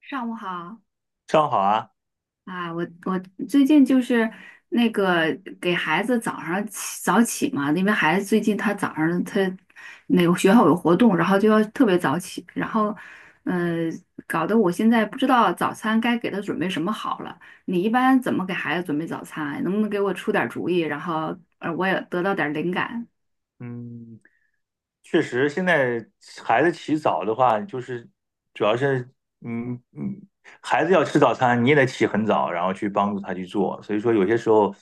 上午好正好啊。啊，我最近就是那个给孩子早上起早起嘛，因为孩子最近他早上他那个学校有活动，然后就要特别早起，然后呃，搞得我现在不知道早餐该给他准备什么好了。你一般怎么给孩子准备早餐啊？能不能给我出点主意，然后我也得到点灵感？嗯，确实，现在孩子起早的话，就是主要是，嗯嗯，孩子要吃早餐，你也得起很早，然后去帮助他去做。所以说，有些时候，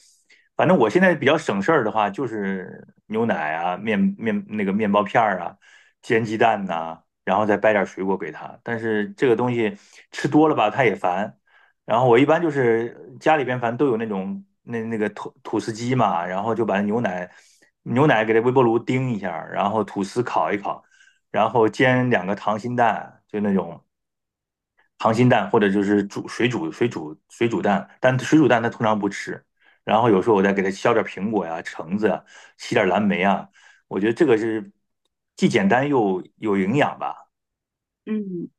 反正我现在比较省事儿的话，就是牛奶啊、那个面包片儿啊、煎鸡蛋呐、然后再掰点水果给他。但是这个东西吃多了吧，他也烦；然后我一般就是家里边反正都有那种那个吐司机嘛，然后就把牛奶给它微波炉叮一下，然后吐司烤一烤，然后煎两个溏心蛋，就那种溏心蛋或者就是煮水煮蛋，但水煮蛋它通常不吃。然后有时候我再给它削点苹果呀、橙子呀洗点蓝莓啊，我觉得这个是既简单又有营养吧。嗯。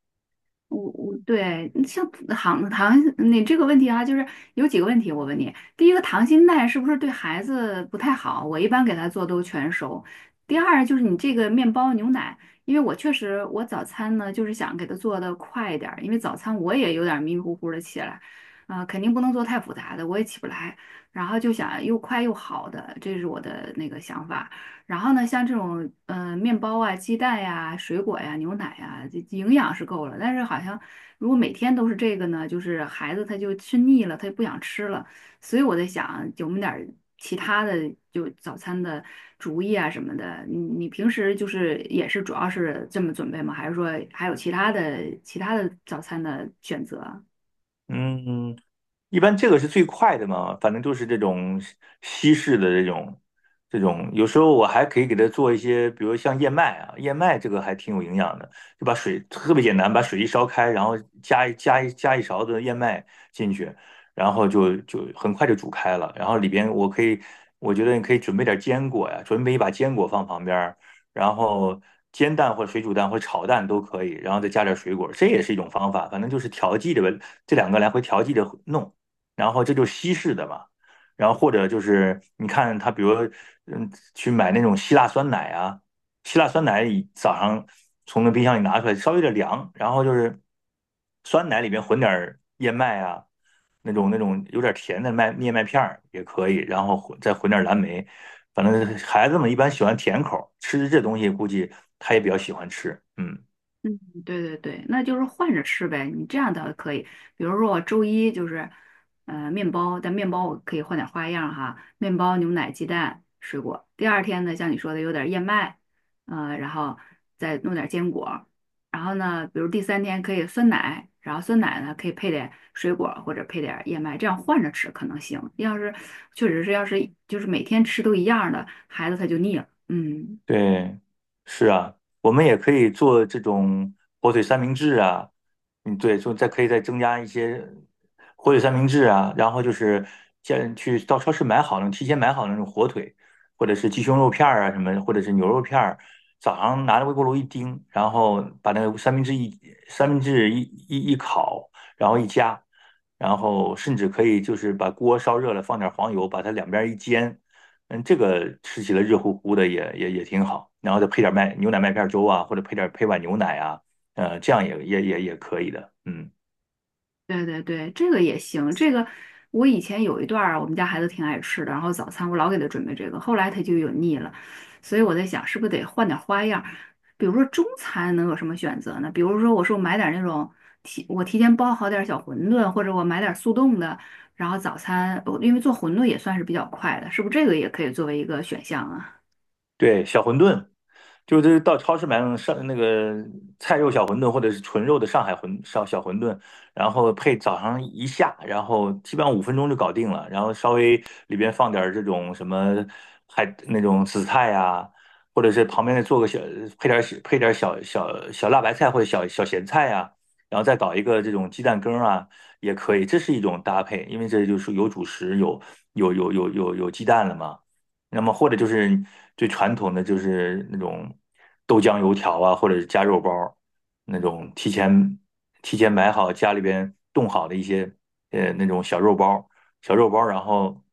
我对像糖糖，你这个问题啊，就是有几个问题，我问你。第一个，糖心蛋是不是对孩子不太好？我一般给他做都全熟。第二就是你这个面包牛奶，因为我确实我早餐呢就是想给他做的快一点儿因为早餐我也有点迷迷糊糊的起来，啊、肯定不能做太复杂的，我也起不来。然后就想又快又好的，这是我的那个想法。然后呢，像这种面包啊、鸡蛋呀、水果呀、牛奶呀，这营养是够了。但是好像如果每天都是这个呢，就是孩子他就吃腻了，他就不想吃了。所以我在想，有没有点儿其他的就早餐的主意啊什么的？你平时就是也是主要是这么准备吗？还是说还有其他的早餐的选择啊？嗯，一般这个是最快的嘛，反正就是这种西式的这种这种，有时候我还可以给它做一些，比如像燕麦啊，燕麦这个还挺有营养的，就把水特别简单，把水一烧开，然后加一勺子燕麦进去，然后就很快就煮开了，然后里边我可以，我觉得你可以准备点坚果呀，准备一把坚果放旁边儿，然后煎蛋或者水煮蛋或者炒蛋都可以，然后再加点水果，这也是一种方法。反正就是调剂着吧，这两个来回调剂着弄，然后这就是西式的嘛。然后或者就是你看他，比如嗯，去买那种希腊酸奶啊，希腊酸奶早上从那冰箱里拿出来，稍微有点凉，然后就是酸奶里面混点燕麦啊，那种那种有点甜的燕麦片儿也可以，然后再混点蓝莓，反正孩子们一般喜欢甜口吃这东西估计他也比较喜欢吃。嗯。嗯，对对对，那就是换着吃呗。你这样倒可以，比如说我周一就是，面包，但面包我可以换点花样哈，面包、牛奶、鸡蛋、水果。第二天呢，像你说的有点燕麦，然后再弄点坚果。然后呢，比如第三天可以酸奶，然后酸奶呢可以配点水果或者配点燕麦，这样换着吃可能行。要是确实是要是就是每天吃都一样的，孩子他就腻了。嗯。对，是啊，我们也可以做这种火腿三明治啊。嗯，对，就再可以再增加一些火腿三明治啊，然后就是先去到超市买好那种，提前买好那种火腿，或者是鸡胸肉片儿啊什么，或者是牛肉片儿，早上拿着微波炉一叮，然后把那个三明治一烤，然后一夹，然后甚至可以就是把锅烧热了，放点黄油，把它两边一煎。嗯，这个吃起来热乎乎的也挺好，然后再配点牛奶麦片粥啊，或者配碗牛奶啊，这样也可以的。嗯，对对对，这个也行。这个我以前有一段儿，我们家孩子挺爱吃的，然后早餐我老给他准备这个，后来他就有腻了，所以我在想，是不是得换点儿花样儿？比如说中餐能有什么选择呢？比如说，我说我买点儿那种提，我提前包好点儿小馄饨，或者我买点儿速冻的，然后早餐，我因为做馄饨也算是比较快的，是不是这个也可以作为一个选项啊？对，小馄饨，就是到超市买那种上那个菜肉小馄饨，或者是纯肉的上海小馄饨，然后配早上一下，然后基本上5分钟就搞定了，然后稍微里边放点儿这种什么海那种紫菜呀、或者是旁边再做个小配点儿小辣白菜或者小小咸菜呀、然后再搞一个这种鸡蛋羹儿啊，也可以，这是一种搭配，因为这就是有主食，有鸡蛋了嘛。那么或者就是最传统的就是那种豆浆油条啊，或者是加肉包儿那种提前买好家里边冻好的一些那种小肉包儿，小肉包儿，然后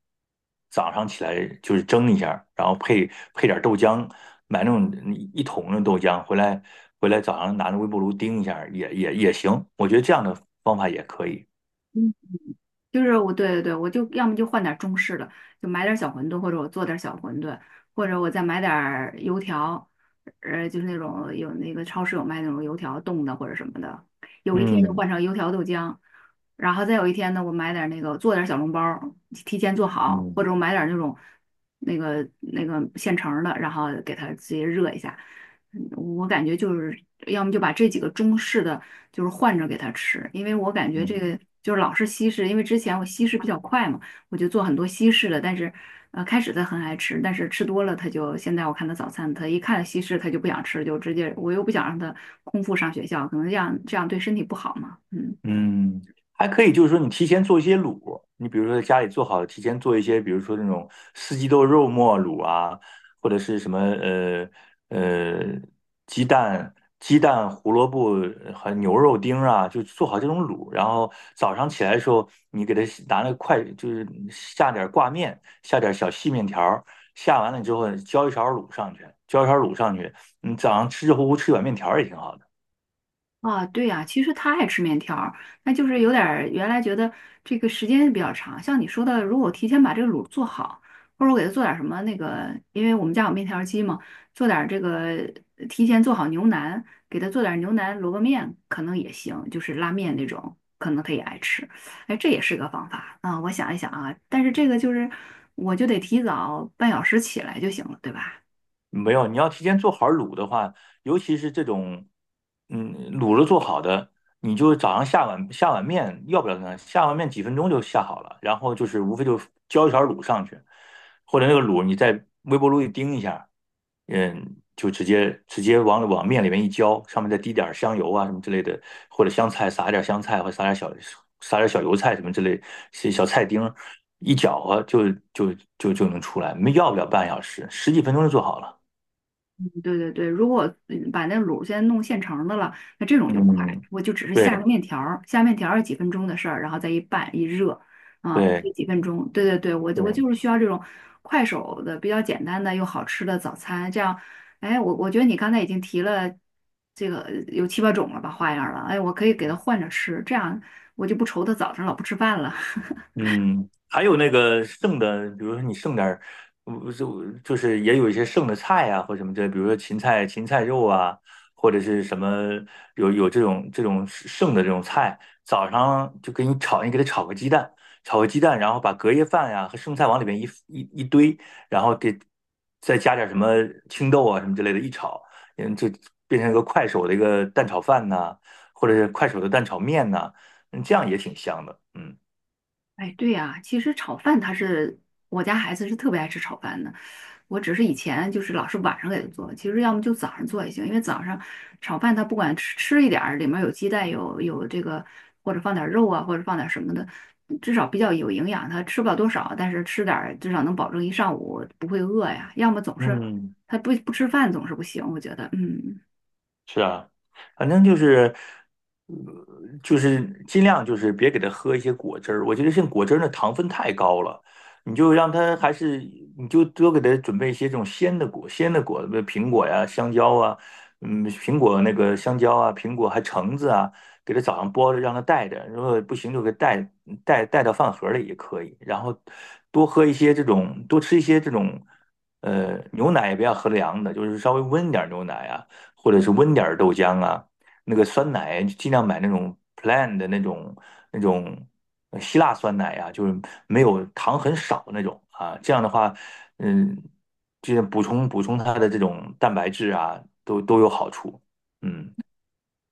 早上起来就是蒸一下然后配点儿豆浆，买那种一桶的豆浆回来早上拿着微波炉叮一下也行，我觉得这样的方法也可以。就是我，对对对，我就要么就换点中式的，就买点小馄饨，或者我做点小馄饨，或者我再买点油条，就是那种有那个超市有卖那种油条冻的或者什么的。有一天就嗯。换成油条豆浆，然后再有一天呢，我买点那个做点小笼包儿，提前做好，或嗯，者我买点那种那个现成儿的，然后给它直接热一下。我感觉就是要么就把这几个中式的就是换着给他吃，因为我感觉这嗯。个就是老是西式，因为之前我西式比较快嘛，我就做很多西式的，但是开始他很爱吃，但是吃多了他就现在我看他早餐，他一看西式他就不想吃，就直接我又不想让他空腹上学校，可能这样对身体不好嘛，嗯。嗯，还可以，就是说你提前做一些卤，你比如说在家里做好，提前做一些，比如说那种四季豆肉末卤啊，或者是什么呃鸡蛋鸡蛋胡萝卜和牛肉丁啊，就做好这种卤，然后早上起来的时候，你给它拿那个筷，就是下点挂面，下点小细面条儿，下完了之后浇一勺卤上去，你早上吃热乎乎吃一碗面条儿也挺好的。啊，对呀，其实他爱吃面条儿，那就是有点儿原来觉得这个时间比较长，像你说的，如果我提前把这个卤做好，或者我给他做点儿什么那个，因为我们家有面条儿机嘛，做点儿这个提前做好牛腩，给他做点儿牛腩萝卜面，可能也行，就是拉面那种，可能他也爱吃，哎，这也是个方法啊，我想一想啊，但是这个就是我就得提早半小时起来就行了，对吧？没有，你要提前做好卤的话，尤其是这种，嗯，卤了做好的，你就早上下碗面，要不了呢，下碗面几分钟就下好了，然后就是无非就浇一勺卤上去，或者那个卤你在微波炉一叮一下，嗯，就直接往面里面一浇，上面再滴点儿香油啊什么之类的，或者香菜撒一点香菜，或者撒点小油菜什么之类，小小菜丁儿一搅和就能出来，没要不了半小时，十几分钟就做好了。对对对，如果嗯把那卤先弄现成的了，那这种就快，嗯，我就只是下个对面条儿下面条儿是几分钟的事儿，然后再一拌一热，啊，估对计几分钟。对对对，我就我对。就是需要这种快手的、比较简单的又好吃的早餐。这样，哎，我觉得你刚才已经提了这个有七八种了吧花样儿了，哎，我可以给他换着吃，这样我就不愁他早上老不吃饭了。嗯，还有那个剩的，比如说你剩点儿，就是也有一些剩的菜啊，或什么之类，比如说芹菜、芹菜肉啊，或者是什么有这种这种剩的这种菜，早上就给你炒，你给它炒个鸡蛋，然后把隔夜饭呀、和剩菜往里面一堆，然后给再加点什么青豆啊什么之类的，一炒，嗯，就变成一个快手的一个蛋炒饭呐、或者是快手的蛋炒面呐，嗯，这样也挺香的。嗯。哎，对呀，其实炒饭他是我家孩子是特别爱吃炒饭的，我只是以前就是老是晚上给他做，其实要么就早上做也行，因为早上炒饭他不管吃吃一点儿，里面有鸡蛋有这个或者放点儿肉啊，或者放点儿什么的，至少比较有营养，他吃不了多少，但是吃点儿至少能保证一上午不会饿呀，要么总是嗯，他不吃饭总是不行，我觉得嗯。是啊，反正就是，呃就是尽量就是别给他喝一些果汁儿。我觉得像果汁儿的糖分太高了，你就让他还是你就多给他准备一些这种鲜的果，苹果呀、香蕉啊，嗯，苹果那个香蕉啊，苹果还橙子啊，给他早上剥着让他带着，如果不行就给带到饭盒里也可以。然后多喝一些这种，多吃一些这种，牛奶也不要喝凉的，就是稍微温点儿牛奶啊。或者是温点儿豆浆啊，那个酸奶尽量买那种 plain 的那种那种希腊酸奶啊，就是没有糖很少那种啊。这样的话，嗯，就是补充它的这种蛋白质啊，都有好处。嗯。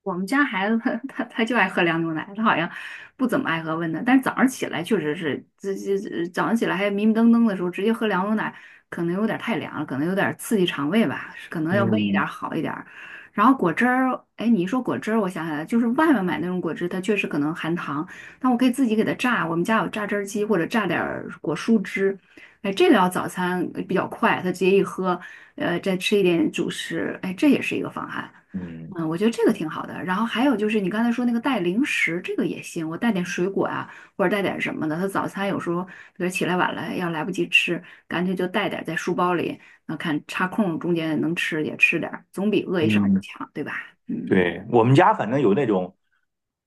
我们家孩子他 他就爱喝凉牛奶，他好像不怎么爱喝温的，但是早上起来确实是，这早上起来还迷迷瞪瞪的时候，直接喝凉牛奶可能有点太凉了，可能有点刺激肠胃吧，可能要温一点儿嗯好一点儿然后果汁儿，哎，你一说果汁儿，我想起来了就是外面买那种果汁，它确实可能含糖，但我可以自己给它榨，我们家有榨汁儿机或者榨点儿果蔬汁，哎，这个要早餐比较快，他直接一喝，再吃一点主食，哎，这也是一个方案。嗯嗯，我觉得这个挺好的。然后还有就是你刚才说那个带零食，这个也行。我带点水果啊，或者带点什么的。他早餐有时候比如起来晚了，要来不及吃，干脆就带点在书包里，那看插空中间能吃也吃点儿总比饿一上午嗯。强，对吧？嗯。对，我们家反正有那种，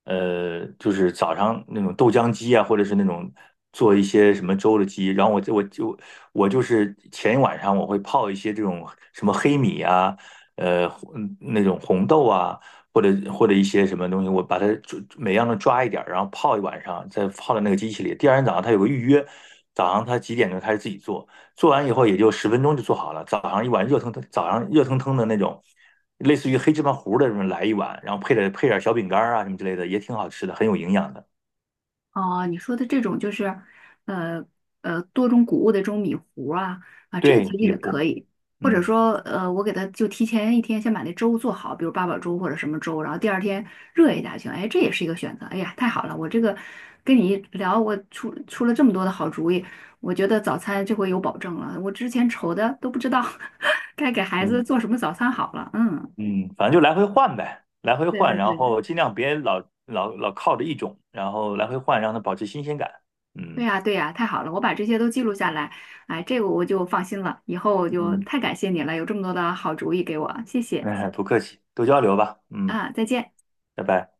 就是早上那种豆浆机啊，或者是那种做一些什么粥的机。然后我就是前一晚上我会泡一些这种什么黑米啊，呃，嗯那种红豆啊，或者一些什么东西，我把它抓每样都抓一点儿，然后泡一晚上，再泡到那个机器里。第二天早上它有个预约，早上它几点钟开始自己做，做完以后也就10分钟就做好了，早上一碗热腾腾，早上热腾腾的那种。类似于黑芝麻糊的什么来一碗，然后配点小饼干啊什么之类的，也挺好吃的，很有营养的。哦，你说的这种就是，呃多种谷物的这种米糊啊啊，这个对，其实米也可糊。以，或者嗯。说，我给他就提前一天先把那粥做好，比如八宝粥或者什么粥，然后第二天热一下去，哎，这也是一个选择。哎呀，太好了，我这个跟你一聊，我出出了这么多的好主意，我觉得早餐这回有保证了，我之前愁的都不知道 该给孩子嗯做什么早餐好了。嗯，嗯，反正就来回换呗，来回对换，对然对。后尽量别老靠着一种，然后来回换，让它保持新鲜感。对嗯。呀，对呀，太好了，我把这些都记录下来，哎，这个我就放心了，以后我就嗯，太感谢你了，有这么多的好主意给我，谢谢哎，不客气，多交流吧。嗯，啊，再见。拜拜。